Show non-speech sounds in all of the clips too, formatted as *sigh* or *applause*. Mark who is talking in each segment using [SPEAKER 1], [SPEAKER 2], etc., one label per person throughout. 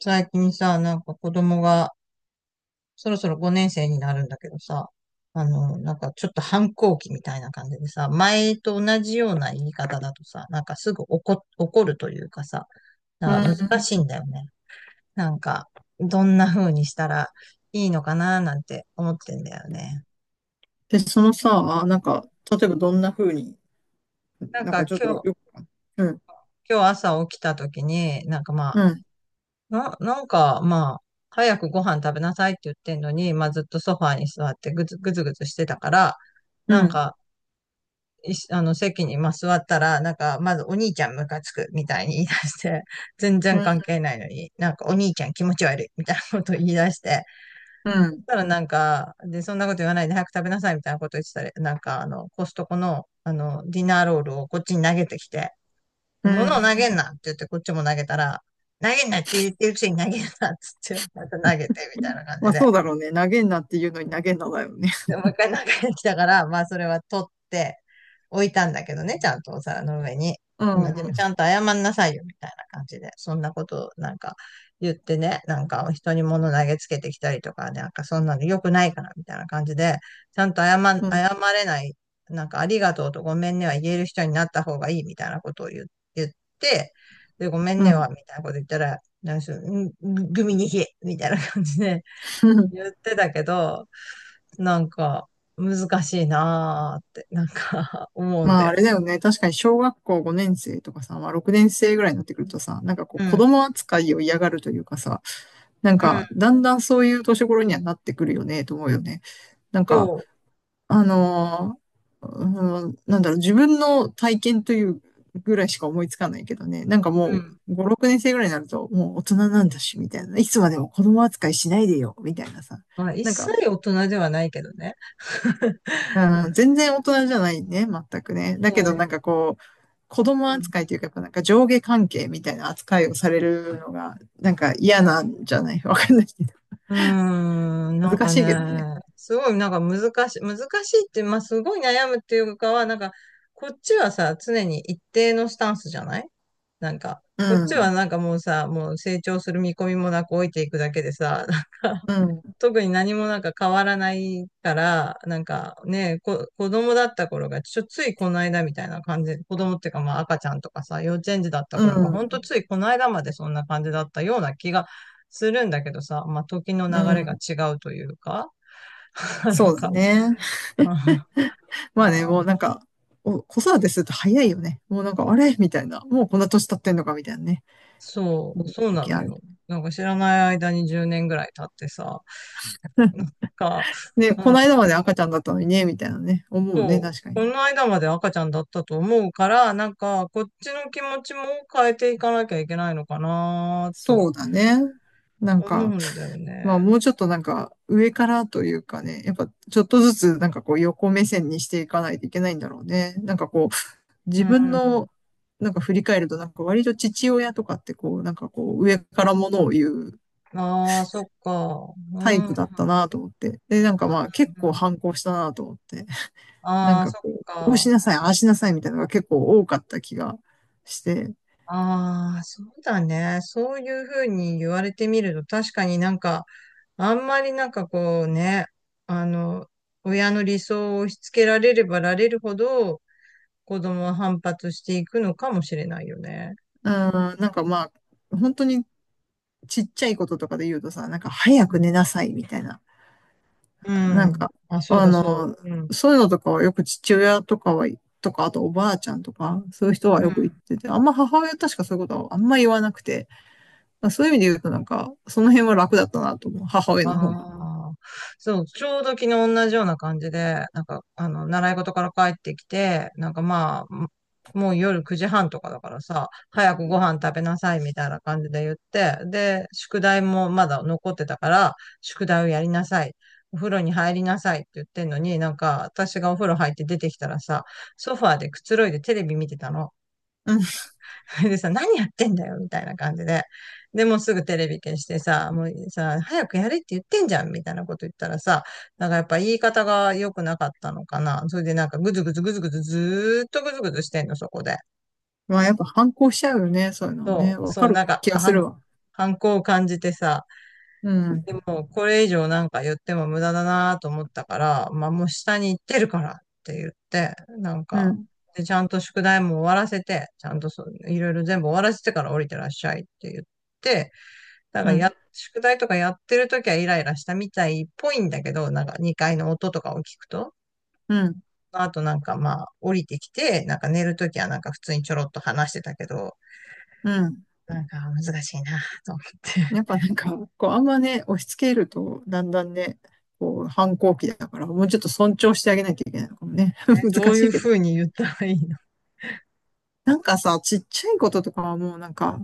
[SPEAKER 1] 最近さ、なんか子供がそろそろ5年生になるんだけどさ、なんかちょっと反抗期みたいな感じでさ、前と同じような言い方だとさ、なんかすぐ怒るというかさ、
[SPEAKER 2] う
[SPEAKER 1] なんか難
[SPEAKER 2] ん。
[SPEAKER 1] しいんだよね。なんか、どんな風にしたらいいのかななんて思ってんだよね。
[SPEAKER 2] で、そのさ、例えばどんな風に、
[SPEAKER 1] なん
[SPEAKER 2] なんか
[SPEAKER 1] か
[SPEAKER 2] ちょっと
[SPEAKER 1] 今
[SPEAKER 2] よ
[SPEAKER 1] 日、
[SPEAKER 2] く、うん、
[SPEAKER 1] 今日朝起きた時に、なんかまあ、
[SPEAKER 2] うん、
[SPEAKER 1] なんかまあ、早くご飯食べなさいって言ってんのに、まあずっとソファーに座ってぐずぐずぐずしてたから、
[SPEAKER 2] う
[SPEAKER 1] なん
[SPEAKER 2] ん、
[SPEAKER 1] か、いしあの、席にまあ座ったら、なんか、まずお兄ちゃんムカつくみたいに言い出して、*laughs* 全
[SPEAKER 2] う
[SPEAKER 1] 然
[SPEAKER 2] ん、
[SPEAKER 1] 関係ないのに、なんかお兄ちゃん気持ち悪いみたいなことを言い出して、
[SPEAKER 2] う
[SPEAKER 1] そし
[SPEAKER 2] ん、
[SPEAKER 1] たらなんか、で、そんなこと言わないで早く食べなさいみたいなこと言ってたら、なんか、コストコの、ディナーロールをこっちに投げてきて、
[SPEAKER 2] う
[SPEAKER 1] 物を投げん
[SPEAKER 2] ん。
[SPEAKER 1] なって言ってこっちも投げたら、投げんなって言ってるくせに投げんなっつって、また投げてみたいな感
[SPEAKER 2] ま
[SPEAKER 1] じ
[SPEAKER 2] あ
[SPEAKER 1] で、
[SPEAKER 2] そうだろうね。投げんなっていうのに投げんなだよね。
[SPEAKER 1] でもう一回中に来たから、まあそれは取って置いたんだけどね、ちゃんとお皿の上に。
[SPEAKER 2] う
[SPEAKER 1] まあでもち
[SPEAKER 2] ん、
[SPEAKER 1] ゃんと謝んなさいよみたいな感じで、そんなことなんか言ってね、なんか人に物投げつけてきたりとかね、なんかそんなの良くないからみたいな感じで、ちゃんと
[SPEAKER 2] うん、
[SPEAKER 1] 謝れない、なんかありがとうとごめんねは言える人になった方がいいみたいなことを言って、で、ごめん
[SPEAKER 2] う
[SPEAKER 1] ね
[SPEAKER 2] ん。
[SPEAKER 1] はみたいなこと言ったら、なんかそのグミに冷えみたいな感じで、言っ
[SPEAKER 2] *laughs*
[SPEAKER 1] てたけど、なんか難しいなーって、なんか *laughs* 思うん
[SPEAKER 2] まあ
[SPEAKER 1] だ
[SPEAKER 2] あ
[SPEAKER 1] よ
[SPEAKER 2] れ
[SPEAKER 1] ね。
[SPEAKER 2] だよね。確かに小学校5年生とかさ、まあ6年生ぐらいになってくるとさ、なんかこう
[SPEAKER 1] う
[SPEAKER 2] 子
[SPEAKER 1] ん。
[SPEAKER 2] 供扱いを嫌がるというかさ、なん
[SPEAKER 1] うん。
[SPEAKER 2] かだんだんそういう年頃にはなってくるよね、と思うよね。なんか、
[SPEAKER 1] そ
[SPEAKER 2] あのー、うん、なんだろう、自分の体験というぐらいしか思いつかないけどね。なんか
[SPEAKER 1] う。う
[SPEAKER 2] も
[SPEAKER 1] ん。
[SPEAKER 2] う、5、6年生ぐらいになると、もう大人なんだし、みたいな。いつまでも子供扱いしないでよ、みたいなさ。
[SPEAKER 1] まあ、一
[SPEAKER 2] なんか、
[SPEAKER 1] 切大人ではないけどね。*laughs*
[SPEAKER 2] うん、全然大人じゃないね、全くね。だ
[SPEAKER 1] そ
[SPEAKER 2] けど
[SPEAKER 1] う。
[SPEAKER 2] なんかこう、子供扱いというか、やっぱなんか上下関係みたいな扱いをされるのが、なんか嫌なんじゃない？ *laughs* わかんないけど。
[SPEAKER 1] うん、うーんなん
[SPEAKER 2] 難
[SPEAKER 1] か
[SPEAKER 2] しいけどね。
[SPEAKER 1] ね、すごいなんか難しいって、まあすごい悩むっていうかは、なんか、こっちはさ、常に一定のスタンスじゃないなんか、
[SPEAKER 2] う
[SPEAKER 1] こっちは
[SPEAKER 2] ん、
[SPEAKER 1] なんかもうさ、もう成長する見込みもなく置いていくだけでさ、
[SPEAKER 2] うん、
[SPEAKER 1] 特に何もなんか変わらないから、なんかね、子供だった頃が、ついこの間みたいな感じ、子供っていうかまあ赤ちゃんとかさ、幼稚園児だった
[SPEAKER 2] う
[SPEAKER 1] 頃が、ほんと
[SPEAKER 2] ん、
[SPEAKER 1] ついこの間までそんな感じだったような気がするんだけどさ、まあ時の
[SPEAKER 2] う
[SPEAKER 1] 流れが
[SPEAKER 2] ん。
[SPEAKER 1] 違うというか、*laughs* な
[SPEAKER 2] そ
[SPEAKER 1] の
[SPEAKER 2] うだ
[SPEAKER 1] か、
[SPEAKER 2] ね。
[SPEAKER 1] *laughs* まあ、
[SPEAKER 2] まあね、
[SPEAKER 1] ま
[SPEAKER 2] もうなん
[SPEAKER 1] あ
[SPEAKER 2] か、お子育てすると早いよね。もうなんか、あれみたいな。もうこんな年経ってんのかみたいなね。
[SPEAKER 1] そう、
[SPEAKER 2] 思う
[SPEAKER 1] そうな
[SPEAKER 2] 時
[SPEAKER 1] の
[SPEAKER 2] ある。
[SPEAKER 1] よ。なんか知らない間に10年ぐらい経ってさ、なんか、
[SPEAKER 2] ね、
[SPEAKER 1] う
[SPEAKER 2] こ
[SPEAKER 1] ん
[SPEAKER 2] の間まで赤ちゃんだったのにね、みたいなね。思うね、
[SPEAKER 1] そう、
[SPEAKER 2] 確かに。
[SPEAKER 1] この間まで赤ちゃんだったと思うから、なんか、こっちの気持ちも変えていかなきゃいけないのかなと
[SPEAKER 2] そうだね。なん
[SPEAKER 1] 思う
[SPEAKER 2] か、
[SPEAKER 1] んだよ
[SPEAKER 2] まあ
[SPEAKER 1] ね。
[SPEAKER 2] もうちょっとなんか、上からというかね、やっぱちょっとずつなんかこう横目線にしていかないといけないんだろうね。なんかこう、自
[SPEAKER 1] う
[SPEAKER 2] 分の
[SPEAKER 1] ん。
[SPEAKER 2] なんか振り返ると、なんか割と父親とかってこう、なんかこう、上からものを言う
[SPEAKER 1] ああ、そっか。う
[SPEAKER 2] 体育
[SPEAKER 1] ん。
[SPEAKER 2] だったなと思って。で、なんかまあ結構反抗したなと思って。*laughs* なん
[SPEAKER 1] ああ、
[SPEAKER 2] かこ
[SPEAKER 1] そっ
[SPEAKER 2] う、こうし
[SPEAKER 1] か。
[SPEAKER 2] なさい、ああしなさいみたいなのが結構多かった気がして。
[SPEAKER 1] ああ、そうだね。そういうふうに言われてみると、確かになんか、あんまりなんかこうね、あの、親の理想を押し付けられればられるほど、子供は反発していくのかもしれないよね。
[SPEAKER 2] うん、なんかまあ、本当にちっちゃいこととかで言うとさ、なんか早く寝なさいみたいな。
[SPEAKER 1] う
[SPEAKER 2] なん
[SPEAKER 1] ん。
[SPEAKER 2] か、
[SPEAKER 1] あ、そう
[SPEAKER 2] あ
[SPEAKER 1] だ、そう。
[SPEAKER 2] の、
[SPEAKER 1] うん。
[SPEAKER 2] そういうのとかはよく父親とかは、とか、あとおばあちゃんとか、そういう人は
[SPEAKER 1] う
[SPEAKER 2] よく言っ
[SPEAKER 1] ん。
[SPEAKER 2] てて、あんま母親確かそういうことはあんま言わなくて、まあそういう意味で言うとなんか、その辺は楽だったなと思う、母親
[SPEAKER 1] あ
[SPEAKER 2] の方が。
[SPEAKER 1] あ。そう、ちょうど昨日同じような感じで、なんか、習い事から帰ってきて、なんかまあ、もう夜9時半とかだからさ、早くご飯食べなさいみたいな感じで言って、で、宿題もまだ残ってたから、宿題をやりなさい。お風呂に入りなさいって言ってんのに、なんか私がお風呂入って出てきたらさ、ソファーでくつろいでテレビ見てたの。
[SPEAKER 2] うん。
[SPEAKER 1] *laughs* でさ、何やってんだよ、みたいな感じで。で、もうすぐテレビ消してさ、もうさ、早くやれって言ってんじゃん、みたいなこと言ったらさ、なんかやっぱ言い方が良くなかったのかな。それでなんかぐずぐずぐずぐずずーっとぐずぐずしてんの、そこで。
[SPEAKER 2] まあ、やっぱ反抗しちゃうよね。そういうのはね。
[SPEAKER 1] そう、
[SPEAKER 2] わか
[SPEAKER 1] そう、
[SPEAKER 2] る
[SPEAKER 1] なんか
[SPEAKER 2] 気がす
[SPEAKER 1] 反、
[SPEAKER 2] るわ。
[SPEAKER 1] 反抗を感じてさ、
[SPEAKER 2] うん。
[SPEAKER 1] でもこれ以上なんか言っても無駄だなと思ったから、まあもう下に行ってるからって言って、なん
[SPEAKER 2] う
[SPEAKER 1] か、
[SPEAKER 2] ん。
[SPEAKER 1] で、ちゃんと宿題も終わらせて、ちゃんとそう、いろいろ全部終わらせてから降りてらっしゃいって言って、だから
[SPEAKER 2] うん。
[SPEAKER 1] 宿題とかやってるときはイライラしたみたいっぽいんだけど、なんか2階の音とかを聞くと、
[SPEAKER 2] うん。
[SPEAKER 1] あとなんかまあ降りてきて、なんか寝るときはなんか普通にちょろっと話してたけど、
[SPEAKER 2] うん。
[SPEAKER 1] なんか難しいなと思って
[SPEAKER 2] やっぱなんか、こう、あんまね、押し付けると、だんだんね、こう、反抗期だから、もうちょっと尊重してあげなきゃいけないのかもね。*laughs*
[SPEAKER 1] *laughs* ど
[SPEAKER 2] 難
[SPEAKER 1] う
[SPEAKER 2] し
[SPEAKER 1] い
[SPEAKER 2] い
[SPEAKER 1] う
[SPEAKER 2] けど。
[SPEAKER 1] ふうに言ったらいいの
[SPEAKER 2] なんかさ、ちっちゃいこととかはもうなんか、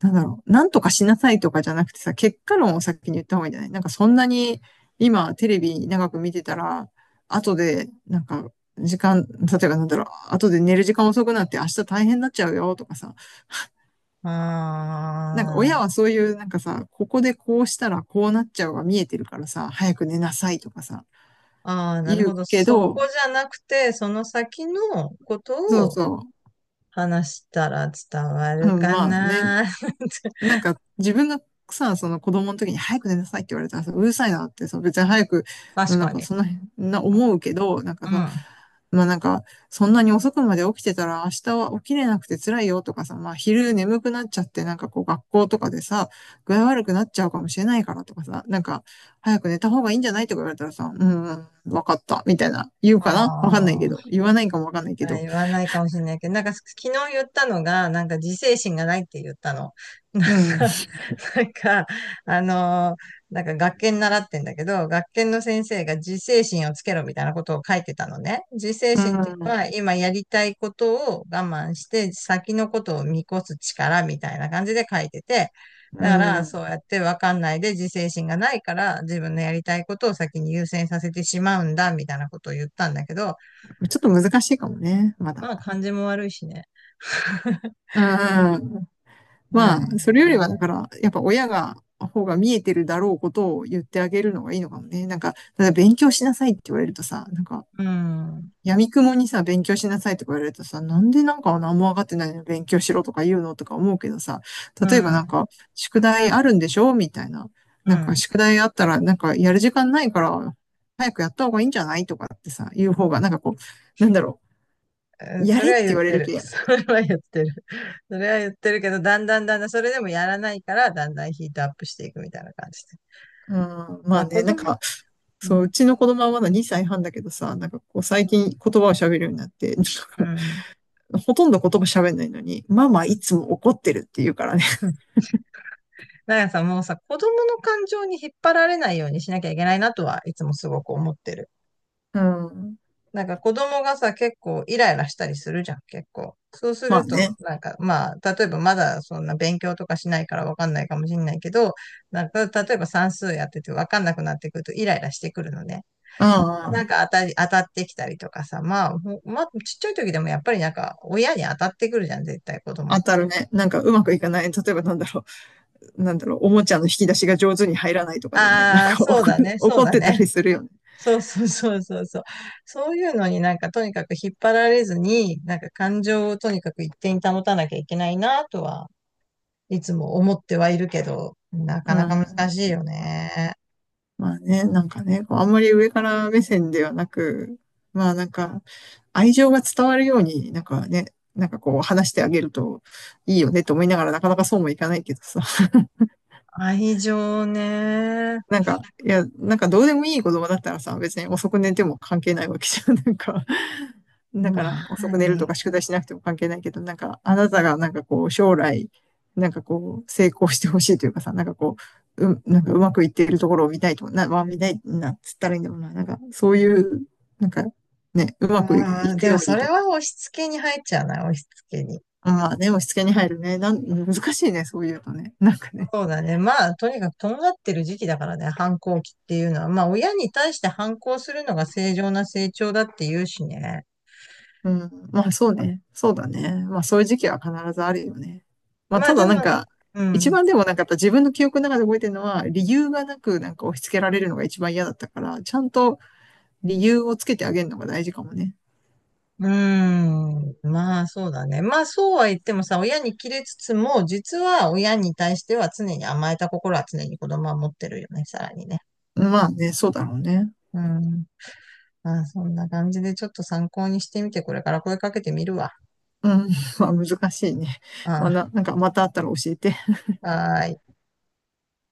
[SPEAKER 2] なんだろう、なんとかしなさいとかじゃなくてさ、結果論を先に言った方がいいんじゃない？なんかそんなに今テレビ長く見てたら、後でなんか時間、例えばなんだろう、後で寝る時間遅くなって明日大変になっちゃうよとかさ、なんか親
[SPEAKER 1] あ
[SPEAKER 2] はそういうなんかさ、ここでこうしたらこうなっちゃうが見えてるからさ、早く寝なさいとかさ、
[SPEAKER 1] あ、ああ、なる
[SPEAKER 2] 言う
[SPEAKER 1] ほど。
[SPEAKER 2] け
[SPEAKER 1] そこ
[SPEAKER 2] ど、
[SPEAKER 1] じゃなくて、その先のこ
[SPEAKER 2] そ
[SPEAKER 1] と
[SPEAKER 2] う
[SPEAKER 1] を
[SPEAKER 2] そ
[SPEAKER 1] 話したら伝わ
[SPEAKER 2] う、う
[SPEAKER 1] る
[SPEAKER 2] ん、
[SPEAKER 1] か
[SPEAKER 2] まあね、
[SPEAKER 1] な
[SPEAKER 2] な
[SPEAKER 1] *laughs*
[SPEAKER 2] んか自分がさ、その子供の時に早く寝なさいって言われたらさ、うるさいなってさ、別に早く、
[SPEAKER 1] 確
[SPEAKER 2] なん
[SPEAKER 1] か
[SPEAKER 2] か
[SPEAKER 1] に。
[SPEAKER 2] そんな、な思うけど、なんか
[SPEAKER 1] うん。
[SPEAKER 2] さ、
[SPEAKER 1] あ
[SPEAKER 2] まあなんか、そんなに遅くまで起きてたら明日は起きれなくて辛いよとかさ、まあ昼眠くなっちゃってなんかこう学校とかでさ、具合悪くなっちゃうかもしれないからとかさ、なんか早く寝た方がいいんじゃない？とか言われたらさ、うん、わかった、みたいな、言うかなわかんない
[SPEAKER 1] あ。
[SPEAKER 2] けど、言わないかもわかんないけ
[SPEAKER 1] あ、
[SPEAKER 2] ど、
[SPEAKER 1] 言わないかもしれないけど、なんか昨日言ったのが、なんか自制心がないって言ったの。*laughs* な
[SPEAKER 2] うん、
[SPEAKER 1] んか、なんか、なんか学研習ってんだけど、学研の先生が自制心をつけろみたいなことを書いてたのね。自制
[SPEAKER 2] う
[SPEAKER 1] 心っていうの
[SPEAKER 2] ん、
[SPEAKER 1] は、今やりたいことを我慢して、先のことを見越す力みたいな感じで書いてて、
[SPEAKER 2] う
[SPEAKER 1] だから、
[SPEAKER 2] ん、
[SPEAKER 1] そうやってわかんないで自制心がないから、自分のやりたいことを先に優先させてしまうんだ、みたいなことを言ったんだけど、
[SPEAKER 2] ちょっと難しいかもね、まだ。
[SPEAKER 1] まあ、感じも悪いしね。*laughs*
[SPEAKER 2] うん。
[SPEAKER 1] まあ
[SPEAKER 2] まあ、それよりは、
[SPEAKER 1] ね。
[SPEAKER 2] だから、やっぱ親が、方が見えてるだろうことを言ってあげるのがいいのかもね。なんか、ただ勉強しなさいって言われるとさ、なんか、
[SPEAKER 1] うん、うん、
[SPEAKER 2] 闇雲にさ、勉強しなさいとか言われるとさ、なんでなんか何も分かってないのに勉強しろとか言うのとか思うけどさ、
[SPEAKER 1] う
[SPEAKER 2] 例えば
[SPEAKER 1] ん。
[SPEAKER 2] なんか、宿題あるんでしょみたいな。
[SPEAKER 1] う
[SPEAKER 2] なんか、
[SPEAKER 1] ん
[SPEAKER 2] 宿題あったら、なんか、やる時間ないから、早くやった方がいいんじゃない？とかってさ、言う方が、なんかこう、なんだろう、や
[SPEAKER 1] そ
[SPEAKER 2] れっ
[SPEAKER 1] れ
[SPEAKER 2] て
[SPEAKER 1] は言
[SPEAKER 2] 言
[SPEAKER 1] っ
[SPEAKER 2] われ
[SPEAKER 1] て
[SPEAKER 2] る
[SPEAKER 1] る。*laughs*
[SPEAKER 2] けど、
[SPEAKER 1] それは言ってる。それは言ってるけど、だんだんだんだん、それでもやらないから、だんだんヒートアップしていくみたいな感じで。
[SPEAKER 2] うん、ま
[SPEAKER 1] ま
[SPEAKER 2] あ
[SPEAKER 1] あ
[SPEAKER 2] ね、
[SPEAKER 1] 子
[SPEAKER 2] なん
[SPEAKER 1] 供、
[SPEAKER 2] か、そう、うちの子供はまだ2歳半だけどさ、なんかこう最近言葉を喋るようになって、なん
[SPEAKER 1] う
[SPEAKER 2] か
[SPEAKER 1] ん。
[SPEAKER 2] ほとんど言葉喋んないのに、ママいつも怒ってるって言うからね。
[SPEAKER 1] *laughs* なんかさ、もうさ、子供の感情に引っ張られないようにしなきゃいけないなとはいつもすごく思ってる。
[SPEAKER 2] うん。
[SPEAKER 1] なんか子供がさ、結構イライラしたりするじゃん、結構。そうす
[SPEAKER 2] まあ
[SPEAKER 1] ると、
[SPEAKER 2] ね。
[SPEAKER 1] なんかまあ、例えばまだそんな勉強とかしないからわかんないかもしんないけど、なんか例えば算数やっててわかんなくなってくるとイライラしてくるのね。
[SPEAKER 2] うんう
[SPEAKER 1] なん
[SPEAKER 2] ん。
[SPEAKER 1] か当たってきたりとかさ、まあ、ちっちゃい時でもやっぱりなんか親に当たってくるじゃん、絶対子供っ
[SPEAKER 2] 当たる
[SPEAKER 1] て。
[SPEAKER 2] ね。なんかうまくいかない。例えばなんだろう。なんだろう。おもちゃの引き出しが上手に入らないとかでね。なん
[SPEAKER 1] ああ、
[SPEAKER 2] か
[SPEAKER 1] そう
[SPEAKER 2] 怒
[SPEAKER 1] だ
[SPEAKER 2] る
[SPEAKER 1] ね、そ
[SPEAKER 2] 怒
[SPEAKER 1] う
[SPEAKER 2] っ
[SPEAKER 1] だ
[SPEAKER 2] てた
[SPEAKER 1] ね。
[SPEAKER 2] りするよね。
[SPEAKER 1] そうそうそうそうそう。そういうのになんかとにかく引っ張られずに、なんか感情をとにかく一定に保たなきゃいけないなとはいつも思ってはいるけど、な
[SPEAKER 2] う
[SPEAKER 1] かなか
[SPEAKER 2] ん。
[SPEAKER 1] 難しいよね。
[SPEAKER 2] まあね、なんかね、こうあんまり上から目線ではなく、まあなんか、愛情が伝わるように、なんかね、なんかこう話してあげるといいよねと思いながら、なかなかそうもいかないけどさ。
[SPEAKER 1] 愛情ね。
[SPEAKER 2] なんか、いや、なんかどうでもいい子供だったらさ、別に遅く寝ても関係ないわけじゃん。*laughs* なんか、だか
[SPEAKER 1] ま
[SPEAKER 2] ら遅
[SPEAKER 1] あ
[SPEAKER 2] く寝ると
[SPEAKER 1] ね。
[SPEAKER 2] か宿題しなくても関係ないけど、なんか、あなたがなんかこう、将来、なんかこう、成功してほしいというかさ、なんかうまくいっているところを見たいと、まあ見たいな、つったらいいんだろうな。なんか、そういう、なんか、ね、うまくい
[SPEAKER 1] うん、
[SPEAKER 2] く
[SPEAKER 1] で
[SPEAKER 2] よ
[SPEAKER 1] も
[SPEAKER 2] う
[SPEAKER 1] そ
[SPEAKER 2] に
[SPEAKER 1] れ
[SPEAKER 2] とか。
[SPEAKER 1] は押し付けに入っちゃうな、押し付けに。
[SPEAKER 2] まあね、押し付けに入るね。難しいね、そういうのね。なんかね。
[SPEAKER 1] そうだね。まあ、とにかくとんがってる時期だからね、反抗期っていうのは。まあ、親に対して反抗するのが正常な成長だって言うしね。
[SPEAKER 2] うん。まあそうね。そうだね。まあそういう時期は必ずあるよね。まあ
[SPEAKER 1] ま
[SPEAKER 2] た
[SPEAKER 1] あ、で
[SPEAKER 2] だなん
[SPEAKER 1] も、
[SPEAKER 2] か、
[SPEAKER 1] う
[SPEAKER 2] 一
[SPEAKER 1] ん。
[SPEAKER 2] 番でもなんかやった自分の記憶の中で覚えてるのは、理由がなくなんか押し付けられるのが一番嫌だったから、ちゃんと理由をつけてあげるのが大事かもね。
[SPEAKER 1] うーん。まあ、そうだね。まあ、そうは言ってもさ、親に切れつつも、実は親に対しては常に甘えた心は常に子供は持ってるよね、さらにね。
[SPEAKER 2] まあね、そうだろうね。
[SPEAKER 1] うん。まあ、そんな感じでちょっと参考にしてみて、これから声かけてみるわ。
[SPEAKER 2] うん。*laughs* まあ難しいね。
[SPEAKER 1] うん。は
[SPEAKER 2] なんかまたあったら教えて。
[SPEAKER 1] ーい。